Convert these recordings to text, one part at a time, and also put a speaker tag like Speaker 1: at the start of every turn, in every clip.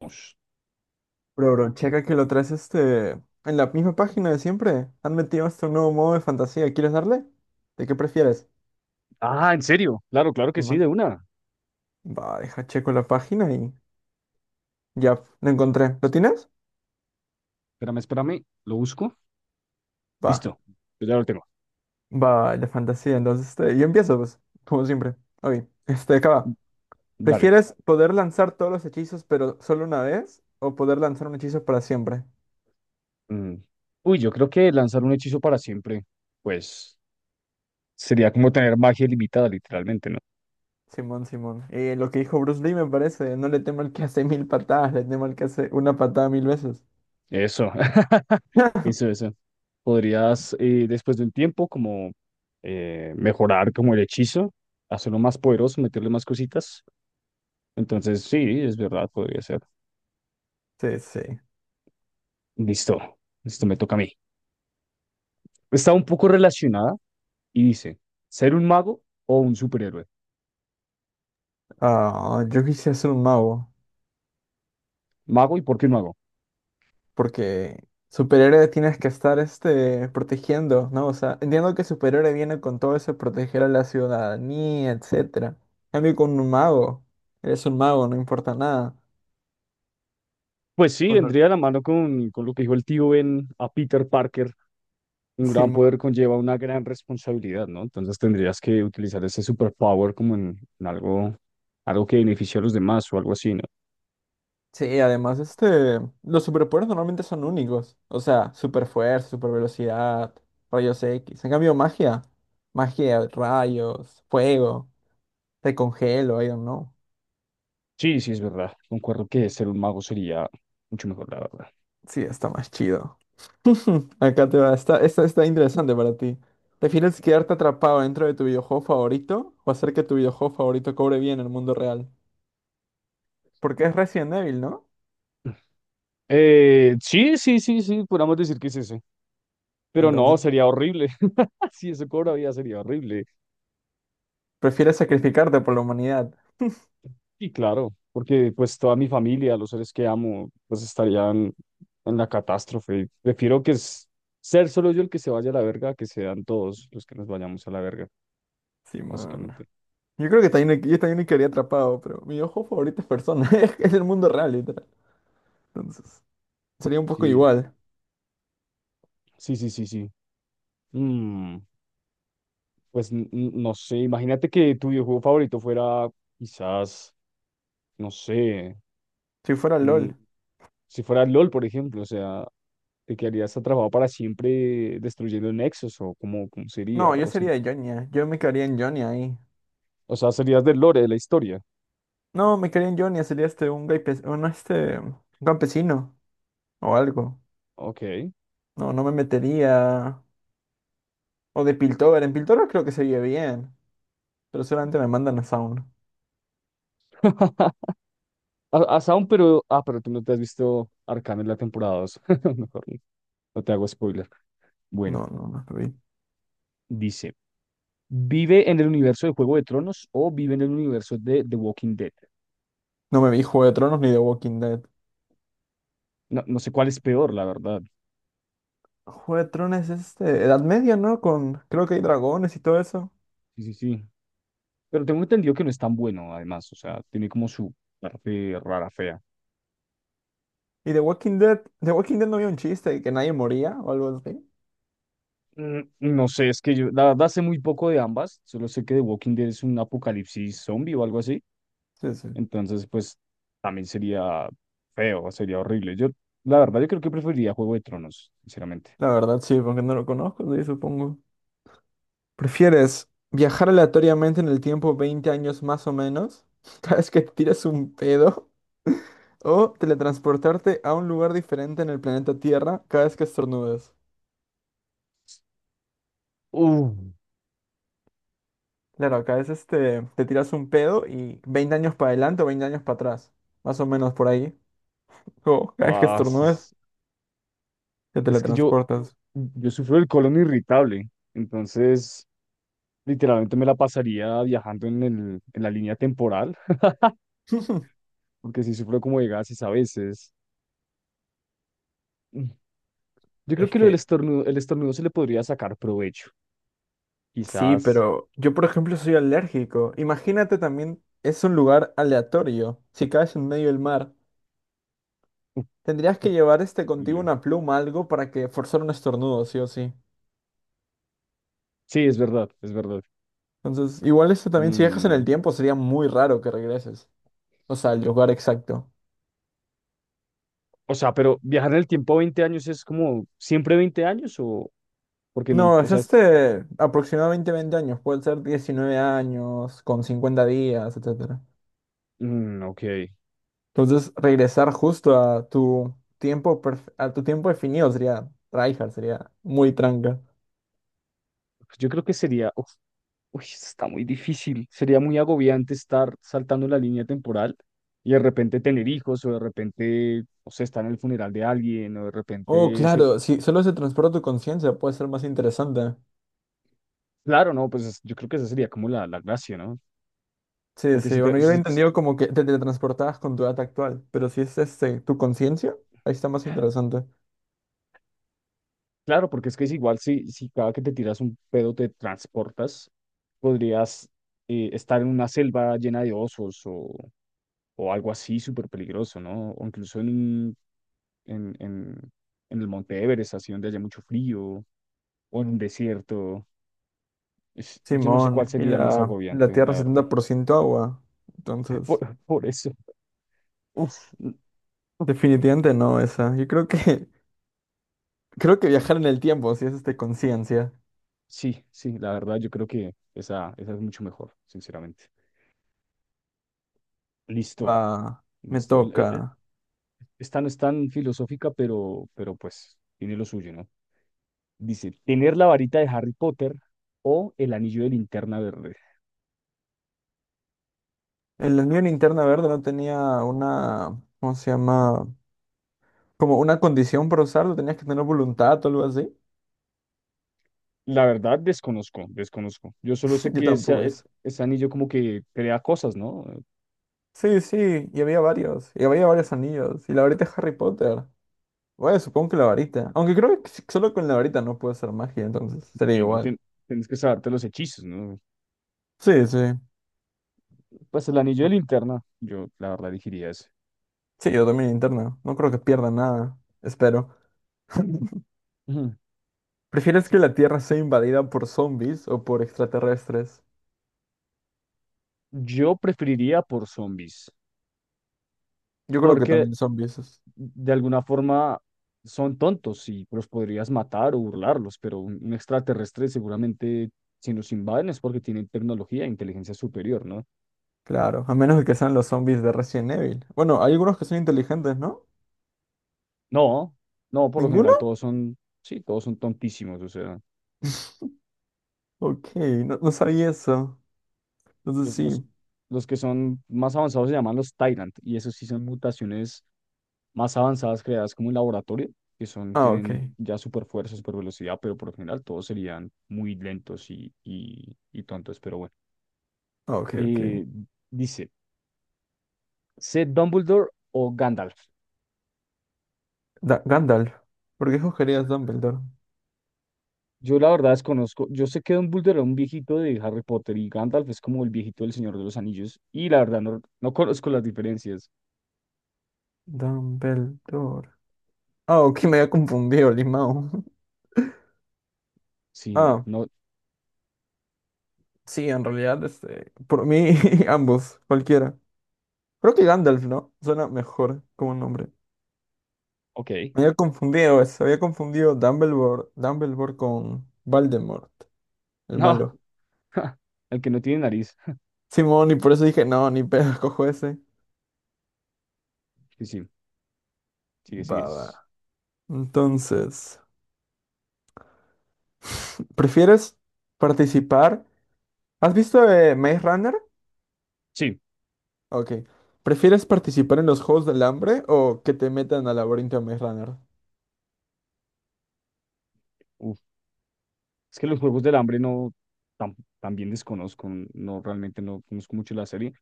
Speaker 1: Ush.
Speaker 2: Pero bro, checa que lo traes en la misma página de siempre. Han metido hasta un nuevo modo de fantasía. ¿Quieres darle? ¿De qué prefieres?
Speaker 1: Ah, ¿en serio? Claro, claro que sí, de
Speaker 2: Simón.
Speaker 1: una.
Speaker 2: Va, deja checo la página y ya lo encontré. ¿Lo tienes?
Speaker 1: Espérame, espérame, lo busco.
Speaker 2: Va,
Speaker 1: Listo, pues ya lo tengo.
Speaker 2: va, el de fantasía. Entonces, yo empiezo, pues, como siempre. Oye, acá va.
Speaker 1: Dale.
Speaker 2: ¿Prefieres poder lanzar todos los hechizos, pero solo una vez? ¿O poder lanzar un hechizo para siempre?
Speaker 1: Mm. Uy, yo creo que lanzar un hechizo para siempre, pues sería como tener magia ilimitada, literalmente, ¿no?
Speaker 2: Simón, Simón. Lo que dijo Bruce Lee me parece. No le temo al que hace mil patadas, le temo al que hace una patada mil veces.
Speaker 1: Eso, eso, eso. Podrías, después de un tiempo, como mejorar como el hechizo, hacerlo más poderoso, meterle más cositas. Entonces, sí, es verdad, podría ser.
Speaker 2: Sí, sí.
Speaker 1: Listo, listo, me toca a mí. Está un poco relacionada, y dice, ¿ser un mago o un superhéroe?
Speaker 2: Ah, yo quisiera ser un mago,
Speaker 1: ¿Mago y por qué mago?
Speaker 2: porque superhéroe tienes que estar protegiendo, ¿no? O sea, entiendo que superhéroe viene con todo eso de proteger a la ciudadanía, etcétera. En cambio, con un mago, eres un mago, no importa nada.
Speaker 1: Pues sí,
Speaker 2: O no-
Speaker 1: vendría de la mano con lo que dijo el tío Ben a Peter Parker. Un
Speaker 2: sí,
Speaker 1: gran
Speaker 2: ma-
Speaker 1: poder conlleva una gran responsabilidad, ¿no? Entonces tendrías que utilizar ese superpower como en algo, algo que beneficie a los demás o algo así, ¿no?
Speaker 2: sí, además, los superpoderes normalmente son únicos. O sea, super fuerza, super velocidad, rayos X. En cambio, magia, rayos, fuego, te congelo, I don't know.
Speaker 1: Sí, sí, es verdad. Concuerdo que ser un mago sería mucho mejor, la verdad.
Speaker 2: Sí, está más chido. Acá te va. Esta está interesante para ti. ¿Prefieres quedarte atrapado dentro de tu videojuego favorito o hacer que tu videojuego favorito cobre bien en el mundo real? Porque es Resident Evil, ¿no?
Speaker 1: Sí, sí, sí, sí, podríamos decir que es ese. Pero no,
Speaker 2: Entonces,
Speaker 1: sería horrible. Si eso cobra vida, sería horrible.
Speaker 2: prefieres sacrificarte por la humanidad.
Speaker 1: Sí, claro, porque pues toda mi familia, los seres que amo, pues estarían en la catástrofe. Prefiero que es ser solo yo el que se vaya a la verga, que sean todos los que nos vayamos a la verga,
Speaker 2: Sí, man.
Speaker 1: básicamente.
Speaker 2: Yo creo que también, yo también me quedaría atrapado, pero mi videojuego favorito es Persona. Es el mundo real, literal. Entonces, sería un poco
Speaker 1: Sí,
Speaker 2: igual.
Speaker 1: sí, sí, sí, sí. Mm, pues no sé, imagínate que tu videojuego favorito fuera quizás, no sé,
Speaker 2: Si fuera
Speaker 1: mm,
Speaker 2: LOL.
Speaker 1: si fuera LOL, por ejemplo, o sea, te quedarías atrapado para siempre destruyendo nexos o cómo, cómo sería,
Speaker 2: No, yo
Speaker 1: o,
Speaker 2: sería de Jonia. Yo me quedaría en Jonia ahí.
Speaker 1: o sea, serías del lore de la historia.
Speaker 2: No, me quedaría en Jonia. Sería un, gaipe- un, este, un campesino o algo.
Speaker 1: Ok.
Speaker 2: No, no me metería. O de Piltover. En Piltover creo que se vive bien. Pero solamente me mandan a Sound.
Speaker 1: A Sound, pero. Ah, pero tú no te has visto Arcane en la temporada dos. Mejor no no te hago spoiler. Bueno,
Speaker 2: No, no, no me vi.
Speaker 1: dice: ¿Vive en el universo de Juego de Tronos o vive en el universo de The Walking Dead?
Speaker 2: No me vi Juego de Tronos ni de Walking Dead.
Speaker 1: No, no sé cuál es peor, la verdad.
Speaker 2: Juego de Tronos es Edad Media, ¿no? Creo que hay dragones y todo eso.
Speaker 1: Sí, sí, sí. Pero tengo entendido que no es tan bueno, además. O sea, tiene como su parte rara, fea.
Speaker 2: Y de Walking Dead no había un chiste de que nadie moría o algo así.
Speaker 1: Mm, no sé, es que yo, la verdad, sé muy poco de ambas. Solo sé que The Walking Dead es un apocalipsis zombie o algo así.
Speaker 2: Sí, sí.
Speaker 1: Entonces, pues también sería feo, sería horrible. Yo, la verdad, yo creo que preferiría Juego de Tronos, sinceramente.
Speaker 2: La verdad, sí, porque no lo conozco, sí, supongo. ¿Prefieres viajar aleatoriamente en el tiempo 20 años más o menos? Cada vez que te tiras un pedo. O teletransportarte a un lugar diferente en el planeta Tierra cada vez que estornudes.
Speaker 1: Uh,
Speaker 2: Claro, acá es te tiras un pedo y 20 años para adelante o 20 años para atrás. Más o menos por ahí. O cada vez que
Speaker 1: Ah,
Speaker 2: estornudes, te
Speaker 1: es que yo,
Speaker 2: teletransportas.
Speaker 1: yo sufro del colon irritable, entonces literalmente me la pasaría viajando en el, en la línea temporal, porque sí sufro como de gases a veces. Mm, yo creo
Speaker 2: Es
Speaker 1: que lo del
Speaker 2: que
Speaker 1: estornudo, el estornudo se le podría sacar provecho,
Speaker 2: sí,
Speaker 1: quizás.
Speaker 2: pero yo por ejemplo soy alérgico. Imagínate también, es un lugar aleatorio. Si caes en medio del mar,
Speaker 1: Uf,
Speaker 2: tendrías que
Speaker 1: uf,
Speaker 2: llevar contigo
Speaker 1: horrible.
Speaker 2: una pluma, algo para que forzar un estornudo, sí o sí.
Speaker 1: Sí, es verdad, es verdad.
Speaker 2: Entonces, igual esto también si viajas en el
Speaker 1: Mm,
Speaker 2: tiempo sería muy raro que regreses. O sea, el lugar exacto.
Speaker 1: o sea, pero viajar en el tiempo 20 años es como siempre 20 años o porque no,
Speaker 2: No,
Speaker 1: o
Speaker 2: es
Speaker 1: sea,
Speaker 2: aproximadamente 20 años, puede ser 19 años, con 50 días, etcétera.
Speaker 1: mm, ok. Pues
Speaker 2: Entonces, regresar justo a a tu tiempo definido sería tryhard, sería muy tranca.
Speaker 1: yo creo que sería, uf, uy, esto está muy difícil. Sería muy agobiante estar saltando la línea temporal y de repente tener hijos o de repente, o sea, estar en el funeral de alguien o de
Speaker 2: Oh,
Speaker 1: repente,
Speaker 2: claro, si solo se transporta tu conciencia, puede ser más interesante.
Speaker 1: claro, no, pues yo creo que esa sería como la gracia, ¿no?
Speaker 2: Sí,
Speaker 1: Porque
Speaker 2: sí,
Speaker 1: si
Speaker 2: bueno,
Speaker 1: te,
Speaker 2: yo lo he entendido como que te teletransportabas con tu edad actual, pero si es tu conciencia, ahí está más interesante.
Speaker 1: claro, porque es que es igual si, si cada que te tiras un pedo te transportas, podrías estar en una selva llena de osos o algo así súper peligroso, ¿no? O incluso en, en, en, en el Monte Everest, así donde haya mucho frío, o en un desierto. Yo no sé cuál
Speaker 2: Simón, y
Speaker 1: sería más
Speaker 2: la
Speaker 1: agobiante,
Speaker 2: Tierra
Speaker 1: la
Speaker 2: es
Speaker 1: verdad.
Speaker 2: 70% agua, entonces.
Speaker 1: Por eso. Uf, no.
Speaker 2: Definitivamente no esa. Yo creo que creo que viajar en el tiempo, si es conciencia,
Speaker 1: Sí, sí, la verdad yo creo que esa es mucho mejor, sinceramente. Listo,
Speaker 2: va, me
Speaker 1: listo.
Speaker 2: toca.
Speaker 1: Esta no es tan filosófica, pero pues tiene lo suyo, ¿no? Dice, ¿tener la varita de Harry Potter o el anillo de linterna verde?
Speaker 2: En la Unión Interna Verde no tenía una, ¿cómo se llama? Como una condición para usarlo, tenías que tener voluntad o algo así.
Speaker 1: La verdad, desconozco, desconozco. Yo solo sé
Speaker 2: Yo
Speaker 1: que
Speaker 2: tampoco
Speaker 1: ese,
Speaker 2: hice.
Speaker 1: ese anillo como que crea cosas, ¿no?
Speaker 2: Sí, sí, y había varios anillos, y la varita de Harry Potter. Bueno, supongo que la varita. Aunque creo que solo con la varita no puede ser magia, entonces sería
Speaker 1: Y no
Speaker 2: igual.
Speaker 1: tien- tienes que saberte los hechizos, ¿no?
Speaker 2: Sí, sí.
Speaker 1: Pues el anillo de linterna, yo la verdad elegiría ese.
Speaker 2: Sí, yo también interna. No creo que pierda nada. Espero.
Speaker 1: Ujú,
Speaker 2: ¿Prefieres
Speaker 1: sí.
Speaker 2: que la Tierra sea invadida por zombies o por extraterrestres?
Speaker 1: Yo preferiría por zombies,
Speaker 2: Yo creo que
Speaker 1: porque
Speaker 2: también zombies.
Speaker 1: de alguna forma son tontos y los podrías matar o burlarlos, pero un extraterrestre seguramente si nos invaden es porque tienen tecnología e inteligencia superior, ¿no?
Speaker 2: Claro, a menos de que sean los zombies de Resident Evil. Bueno, hay algunos que son inteligentes, ¿no?
Speaker 1: No, no, por lo
Speaker 2: ¿Ninguno?
Speaker 1: general todos son, sí, todos son tontísimos, o sea.
Speaker 2: Ok, no, no sabía eso. Entonces
Speaker 1: Los,
Speaker 2: sí.
Speaker 1: los, los que son más avanzados se llaman los Tyrant, y esos sí son mutaciones más avanzadas creadas como en laboratorio, que son,
Speaker 2: Ah, ok.
Speaker 1: tienen ya super fuerza, super velocidad, pero por lo general todos serían muy lentos y tontos, pero bueno.
Speaker 2: Ah, ok, ok.
Speaker 1: Eh, dice, ¿sé Dumbledore o Gandalf?
Speaker 2: Gandalf. ¿Por qué escogerías Dumbledore?
Speaker 1: Yo la verdad desconozco, yo sé que Dumbledore era un viejito de Harry Potter y Gandalf es como el viejito del Señor de los Anillos, y la verdad no, no conozco las diferencias.
Speaker 2: Dumbledore. Ah, ok, me había confundido, Limao.
Speaker 1: Sí,
Speaker 2: Ah,
Speaker 1: no,
Speaker 2: sí, en realidad, por mí, ambos, cualquiera. Creo que Gandalf, ¿no? Suena mejor como nombre.
Speaker 1: ok,
Speaker 2: Me había confundido, se había confundido Dumbledore, con Voldemort, el
Speaker 1: no,
Speaker 2: malo.
Speaker 1: el que no tiene nariz.
Speaker 2: Simón, y por eso dije, no, ni pedo, cojo ese.
Speaker 1: Sí, sí, sigue, sigue.
Speaker 2: Va, va. Entonces, ¿prefieres participar? ¿Has visto Maze Runner?
Speaker 1: Sí,
Speaker 2: Ok. ¿Prefieres participar en los Juegos del Hambre o que te metan al laberinto de Maze Runner?
Speaker 1: uf, es que los Juegos del Hambre no, tam- también desconozco, no realmente no conozco mucho la serie.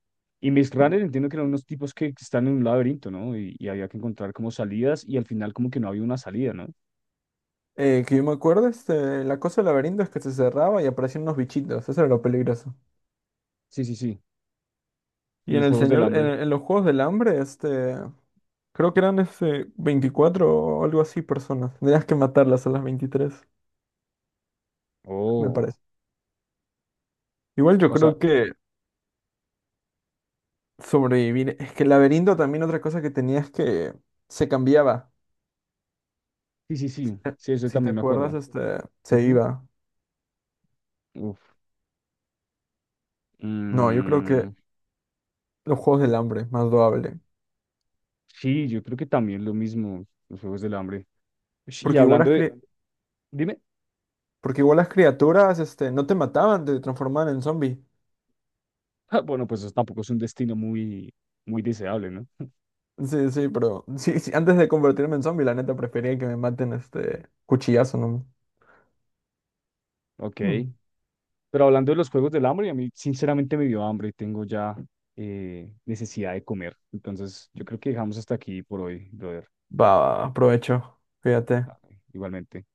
Speaker 1: Y Maze Runner entiendo que eran unos tipos que están en un laberinto, ¿no? Y había que encontrar como salidas y al final como que no había una salida, ¿no?
Speaker 2: Que yo me acuerdo, la cosa del laberinto es que se cerraba y aparecían unos bichitos, eso era lo peligroso.
Speaker 1: Sí, sí, sí. Y
Speaker 2: Y en
Speaker 1: los
Speaker 2: el
Speaker 1: Juegos del
Speaker 2: señor,
Speaker 1: Hambre.
Speaker 2: en los Juegos del Hambre, creo que eran ese 24 o algo así personas. Tenías que matarlas a las 23 me
Speaker 1: Oh,
Speaker 2: parece. Igual yo
Speaker 1: o
Speaker 2: creo
Speaker 1: sea,
Speaker 2: que sobrevivir. Es que el laberinto también otra cosa que tenía es que se cambiaba.
Speaker 1: sí, sí, sí.
Speaker 2: Eh,
Speaker 1: Sí, eso
Speaker 2: Si te
Speaker 1: también me
Speaker 2: acuerdas,
Speaker 1: acuerdo.
Speaker 2: se
Speaker 1: Ujú,
Speaker 2: iba.
Speaker 1: uf.
Speaker 2: No, yo creo
Speaker 1: Mm,
Speaker 2: que los juegos del hambre, más loable.
Speaker 1: sí, yo creo que también lo mismo, los Juegos del Hambre. Ush, y
Speaker 2: Porque igual
Speaker 1: hablando
Speaker 2: las,
Speaker 1: de...
Speaker 2: cri-
Speaker 1: Dime.
Speaker 2: porque igual las criaturas no te mataban, te transformaban en zombie.
Speaker 1: Ah, bueno, pues eso tampoco es un destino muy, muy deseable, ¿no?
Speaker 2: Sí, sí, pero sí, sí, antes de convertirme en zombie, la neta prefería que me maten cuchillazo, ¿no?
Speaker 1: Ok.
Speaker 2: Hmm.
Speaker 1: Pero hablando de los juegos del hambre, a mí sinceramente me dio hambre y tengo ya necesidad de comer. Entonces, yo creo que dejamos hasta aquí por hoy, brother.
Speaker 2: Va, aprovecho. Fíjate.
Speaker 1: Ah, igualmente.